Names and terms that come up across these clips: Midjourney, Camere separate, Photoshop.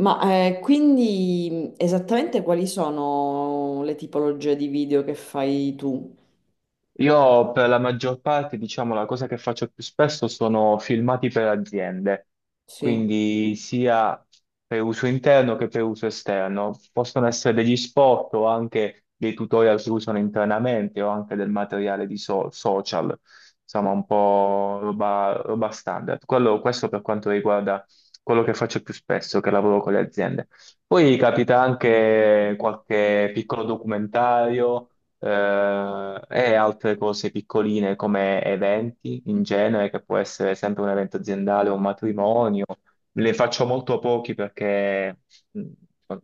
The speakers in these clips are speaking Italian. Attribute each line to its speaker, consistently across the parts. Speaker 1: Ma esattamente quali sono le tipologie di video che fai tu?
Speaker 2: Io per la maggior parte, diciamo, la cosa che faccio più spesso sono filmati per aziende,
Speaker 1: Sì.
Speaker 2: quindi sia per uso interno che per uso esterno. Possono essere degli spot o anche dei tutorial che usano internamente o anche del materiale di social, insomma, un po' roba standard. Questo per quanto riguarda quello che faccio più spesso, che lavoro con le aziende. Poi capita anche qualche piccolo documentario e altre cose piccoline come eventi in genere, che può essere sempre un evento aziendale o un matrimonio. Le faccio molto pochi perché mh,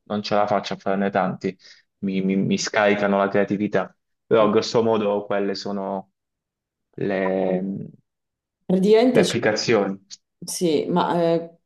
Speaker 2: non ce la faccio a farne tanti, mi scaricano la creatività, però
Speaker 1: Ah.
Speaker 2: grosso modo quelle sono le le
Speaker 1: Praticamente
Speaker 2: applicazioni.
Speaker 1: sì, ma eh,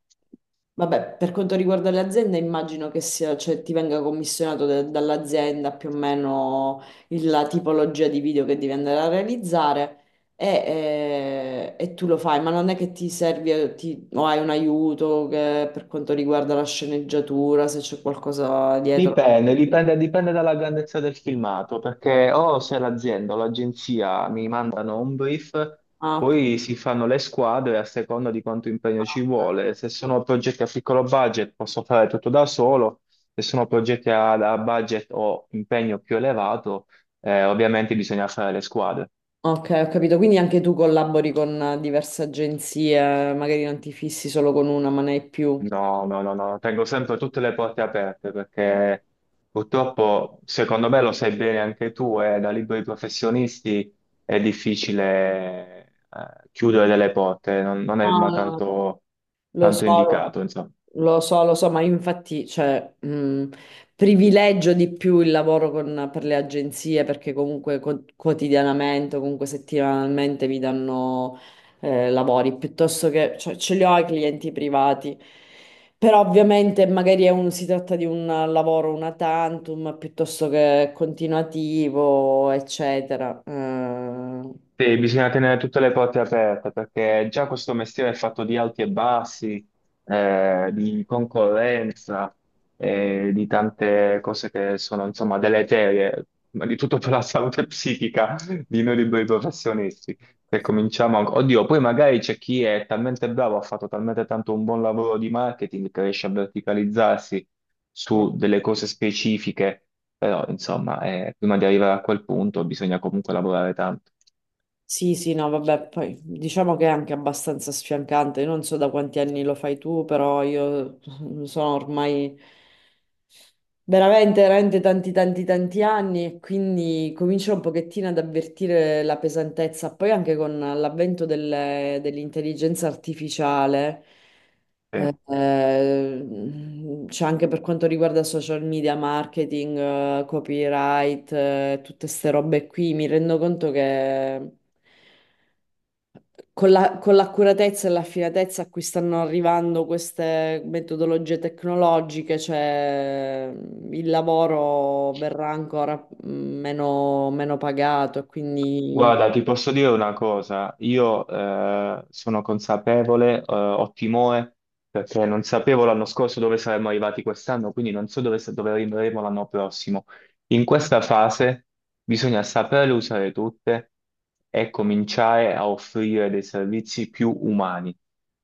Speaker 1: vabbè, per quanto riguarda le aziende, immagino che sia, cioè, ti venga commissionato dall'azienda più o meno la tipologia di video che devi andare a realizzare e tu lo fai, ma non è che ti servi o hai un aiuto per quanto riguarda la sceneggiatura, se c'è qualcosa dietro.
Speaker 2: Dipende, dipende dalla grandezza del filmato, perché o se l'azienda o l'agenzia mi mandano un brief,
Speaker 1: Ah, ok.
Speaker 2: poi si fanno le squadre a seconda di quanto impegno ci vuole. Se sono progetti a piccolo budget posso fare tutto da solo, se sono progetti a budget o impegno più elevato, ovviamente bisogna fare le squadre.
Speaker 1: Ok, ho capito. Quindi anche tu collabori con diverse agenzie, magari non ti fissi solo con una, ma ne hai più.
Speaker 2: No, no, no, no, tengo sempre tutte le porte aperte perché purtroppo, secondo me lo sai bene anche tu, da liberi professionisti è difficile chiudere delle porte, non
Speaker 1: Ah,
Speaker 2: è ma
Speaker 1: no.
Speaker 2: tanto,
Speaker 1: Lo
Speaker 2: tanto
Speaker 1: so.
Speaker 2: indicato, insomma.
Speaker 1: Lo so, ma infatti, cioè, privilegio di più il lavoro per le agenzie perché comunque quotidianamente, o comunque settimanalmente mi danno lavori piuttosto che, cioè, ce li ho ai clienti privati. Però ovviamente magari è si tratta di un lavoro una tantum piuttosto che continuativo, eccetera.
Speaker 2: Sì, bisogna tenere tutte le porte aperte perché già questo mestiere è fatto di alti e bassi, di concorrenza, di tante cose che sono insomma deleterie, ma di tutto per la salute psichica di noi liberi professionisti. Se cominciamo, oddio, poi magari c'è chi è talmente bravo, ha fatto talmente tanto un buon lavoro di marketing che riesce a verticalizzarsi
Speaker 1: Eh,
Speaker 2: su delle cose specifiche, però insomma, prima di arrivare a quel punto bisogna comunque lavorare tanto.
Speaker 1: Sì, sì, no, vabbè, poi diciamo che è anche abbastanza sfiancante. Io non so da quanti anni lo fai tu, però io sono ormai. Veramente, veramente tanti anni e quindi comincio un pochettino ad avvertire la pesantezza. Poi anche con l'avvento dell'intelligenza artificiale,
Speaker 2: Sì.
Speaker 1: c'è anche per quanto riguarda social media, marketing, copyright, tutte queste robe qui, mi rendo conto che con con l'accuratezza e l'affinatezza a cui stanno arrivando queste metodologie tecnologiche, cioè il lavoro verrà ancora meno pagato, e quindi
Speaker 2: Guarda, ti posso dire una cosa, io sono consapevole, ho timore perché non sapevo l'anno scorso dove saremmo arrivati quest'anno, quindi non so dove arriveremo l'anno prossimo. In questa fase bisogna saperle usare tutte e cominciare a offrire dei servizi più umani,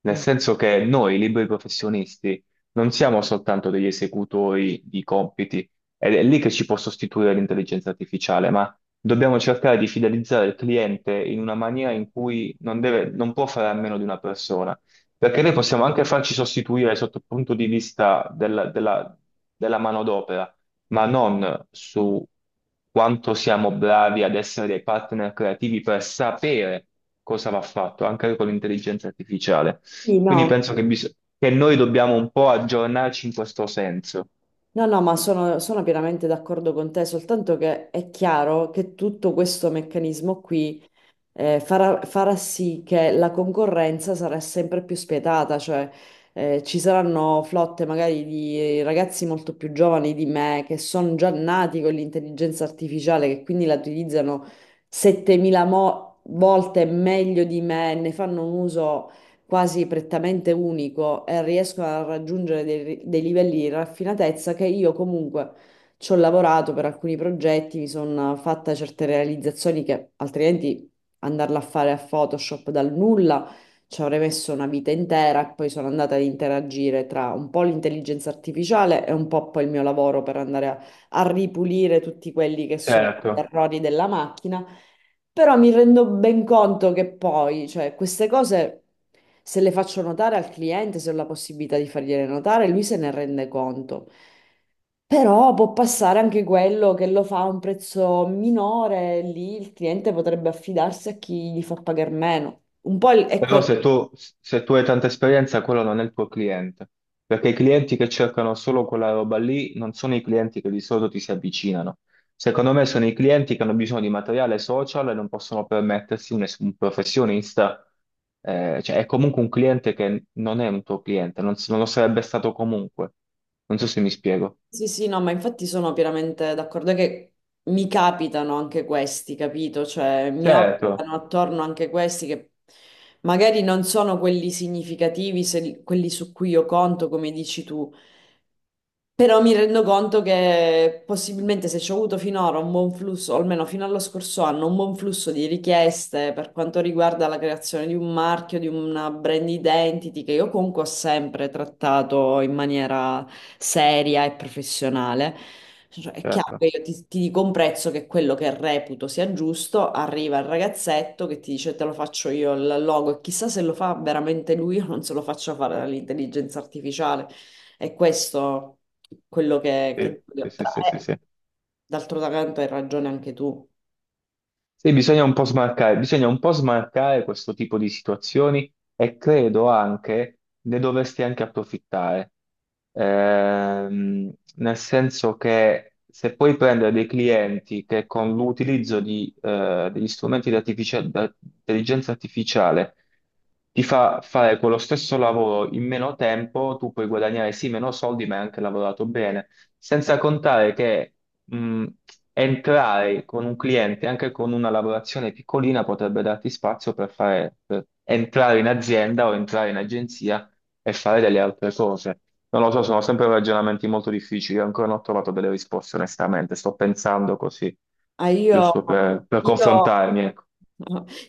Speaker 2: nel
Speaker 1: mh,
Speaker 2: senso che noi, liberi professionisti, non siamo soltanto degli esecutori di compiti, ed è lì che ci può sostituire l'intelligenza artificiale. Dobbiamo cercare di fidelizzare il cliente in una maniera in cui non può fare a meno di una persona, perché noi possiamo anche farci sostituire sotto il punto di vista della della manodopera, ma non su quanto siamo bravi ad essere dei partner creativi per sapere cosa va fatto, anche con l'intelligenza artificiale.
Speaker 1: sì,
Speaker 2: Quindi
Speaker 1: no.
Speaker 2: penso che noi dobbiamo un po' aggiornarci in questo senso.
Speaker 1: No, no, ma sono pienamente d'accordo con te, soltanto che è chiaro che tutto questo meccanismo qui farà sì che la concorrenza sarà sempre più spietata, cioè ci saranno flotte magari di ragazzi molto più giovani di me che sono già nati con l'intelligenza artificiale, che quindi la utilizzano 7.000 volte meglio di me, ne fanno un uso quasi prettamente unico e riescono a raggiungere dei livelli di raffinatezza che io comunque... Ci ho lavorato per alcuni progetti, mi sono fatta certe realizzazioni che altrimenti andarla a fare a Photoshop dal nulla ci avrei messo una vita intera e poi sono andata ad interagire tra un po' l'intelligenza artificiale e un po' poi il mio lavoro per andare a ripulire tutti quelli che sono gli
Speaker 2: Certo.
Speaker 1: errori della macchina, però mi rendo ben conto che poi, cioè, queste cose, se le faccio notare al cliente, se ho la possibilità di fargliele notare, lui se ne rende conto. Però può passare anche quello che lo fa a un prezzo minore, lì il cliente potrebbe affidarsi a chi gli fa pagare meno. Un po' è. Mm.
Speaker 2: Però
Speaker 1: Questo
Speaker 2: se tu hai tanta esperienza, quello non è il tuo cliente, perché i clienti che cercano solo quella roba lì non sono i clienti che di solito ti si avvicinano. Secondo me sono i clienti che hanno bisogno di materiale social e non possono permettersi un professionista, cioè è comunque un cliente che non è un tuo cliente, non lo sarebbe stato comunque. Non so se mi spiego.
Speaker 1: sì, sì, no, ma infatti sono pienamente d'accordo è che mi capitano anche questi, capito? Cioè, mi
Speaker 2: Certo,
Speaker 1: orbitano attorno anche questi che magari non sono quelli significativi, quelli su cui io conto, come dici tu, però mi rendo conto che possibilmente se ci ho avuto finora un buon flusso, o almeno fino allo scorso anno, un buon flusso di richieste per quanto riguarda la creazione di un marchio, di una brand identity, che io comunque ho sempre trattato in maniera seria e professionale. Cioè, è chiaro
Speaker 2: certo,
Speaker 1: che io ti dico un prezzo che è quello che reputo sia giusto, arriva il ragazzetto che ti dice te lo faccio io il logo e chissà se lo fa veramente lui o non se lo faccio fare dall'intelligenza artificiale. E questo quello che
Speaker 2: sì,
Speaker 1: dico io.
Speaker 2: sì,
Speaker 1: Però,
Speaker 2: sì, sì. Sì.
Speaker 1: d'altro canto hai ragione anche tu.
Speaker 2: Sì, bisogna un po' smarcare, bisogna un po' smarcare questo tipo di situazioni e credo anche ne dovresti anche approfittare. Ehm, Nel senso che se puoi prendere dei clienti che con l'utilizzo di, degli strumenti di intelligenza artificiale ti fa fare quello stesso lavoro in meno tempo, tu puoi guadagnare sì meno soldi, ma hai anche lavorato bene. Senza contare che mh, entrare con un cliente, anche con una lavorazione piccolina, potrebbe darti spazio per per entrare in azienda o entrare in agenzia e fare delle altre cose. Non lo so, sono sempre ragionamenti molto difficili, ancora non ho trovato delle risposte, onestamente. Sto pensando così,
Speaker 1: Ah, io,
Speaker 2: giusto per
Speaker 1: io-
Speaker 2: confrontarmi, ecco.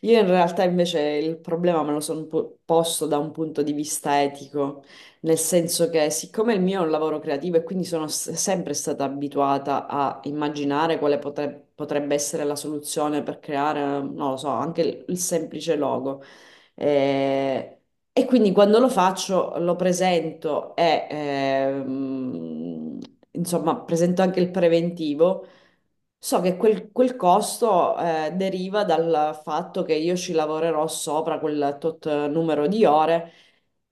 Speaker 1: io in realtà invece il problema me lo sono posto da un punto di vista etico, nel senso che siccome il mio è un lavoro creativo e quindi sono sempre stata abituata a immaginare quale potrebbe essere la soluzione per creare, non lo so, anche il semplice logo. Eh, E quindi quando lo faccio lo presento e insomma presento anche il preventivo. So che quel costo deriva dal fatto che io ci lavorerò sopra quel tot numero di ore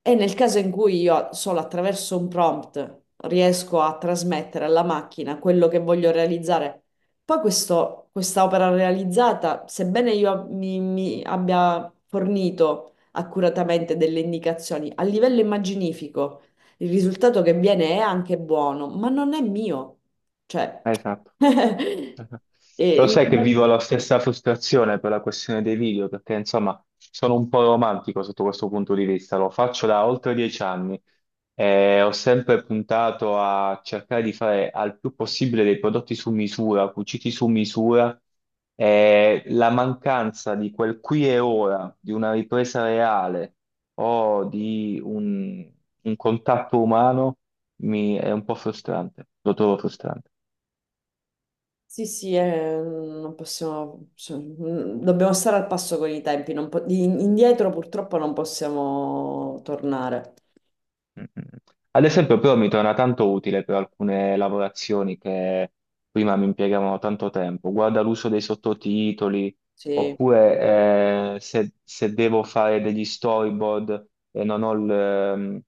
Speaker 1: e nel caso in cui io solo attraverso un prompt riesco a trasmettere alla macchina quello che voglio realizzare, poi questa opera realizzata, sebbene io mi abbia fornito accuratamente delle indicazioni a livello immaginifico, il risultato che viene è anche buono, ma non è mio. Cioè,
Speaker 2: Esatto.
Speaker 1: e
Speaker 2: Lo sai che
Speaker 1: il-
Speaker 2: vivo la stessa frustrazione per la questione dei video, perché insomma sono un po' romantico sotto questo punto di vista, lo faccio da oltre 10 anni e ho sempre puntato a cercare di fare al più possibile dei prodotti su misura, cuciti su misura e la mancanza di quel qui e ora, di una ripresa reale o un contatto umano mi è un po' frustrante, lo trovo frustrante.
Speaker 1: sì, sì, non possiamo, dobbiamo stare al passo con i tempi, non po- in- indietro purtroppo non possiamo tornare.
Speaker 2: Mm. Ad esempio, però mi torna tanto utile per alcune lavorazioni che prima mi impiegavano tanto tempo. Guarda l'uso dei sottotitoli,
Speaker 1: Sì.
Speaker 2: oppure se devo fare degli storyboard e non ho il,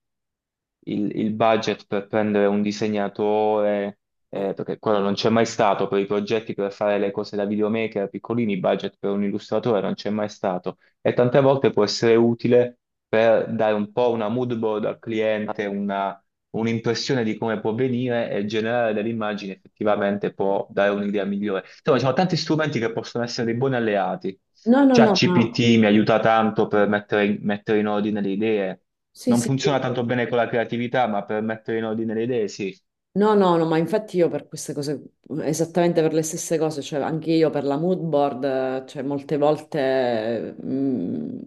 Speaker 2: il budget per prendere un disegnatore,
Speaker 1: No,
Speaker 2: perché quello non c'è mai stato per i progetti per fare le cose da videomaker piccolini, budget per un illustratore non c'è mai stato. E tante volte può essere utile per dare un po' una mood board al cliente, un'impressione di come può venire e generare delle immagini effettivamente può dare un'idea migliore. Insomma, ci sono tanti strumenti che possono essere dei buoni alleati.
Speaker 1: no, no, no, ma
Speaker 2: ChatGPT mi aiuta tanto per mettere in ordine le idee.
Speaker 1: sì,
Speaker 2: Non
Speaker 1: sì. Sì.
Speaker 2: funziona tanto bene con la creatività, ma per mettere in ordine le idee sì.
Speaker 1: No, no, no, ma infatti io per queste cose, esattamente per le stesse cose, cioè anche io per la mood board, cioè molte volte,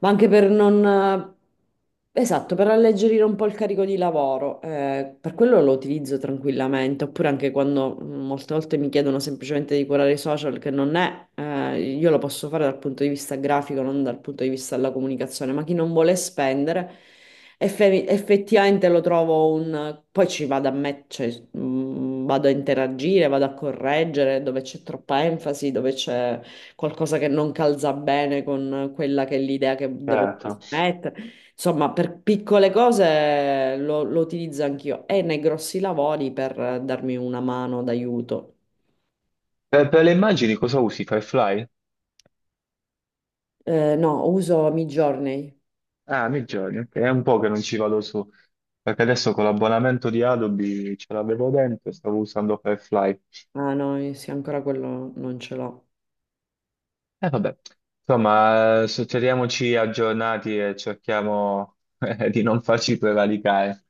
Speaker 1: ma anche per non, esatto, per alleggerire un po' il carico di lavoro, per quello lo utilizzo tranquillamente, oppure anche quando molte volte mi chiedono semplicemente di curare i social, che non è, io lo posso fare dal punto di vista grafico, non dal punto di vista della comunicazione, ma chi non vuole spendere... Effettivamente lo trovo un... Poi ci vado a cioè, vado a interagire, vado a correggere dove c'è troppa enfasi, dove c'è qualcosa che non calza bene con quella che è l'idea che devo
Speaker 2: Certo.
Speaker 1: mettere. Insomma, per piccole cose lo utilizzo anch'io e nei grossi lavori per darmi una mano d'aiuto.
Speaker 2: Per le immagini cosa usi? Firefly?
Speaker 1: No, uso Midjourney.
Speaker 2: Ah, nei giorni, ok. È un po' che non ci vado su, perché adesso con l'abbonamento di Adobe ce l'avevo dentro e stavo usando Firefly.
Speaker 1: Ah no, sì, ancora quello non ce l'ho.
Speaker 2: E vabbè, insomma, teniamoci aggiornati e cerchiamo di non farci prevaricare.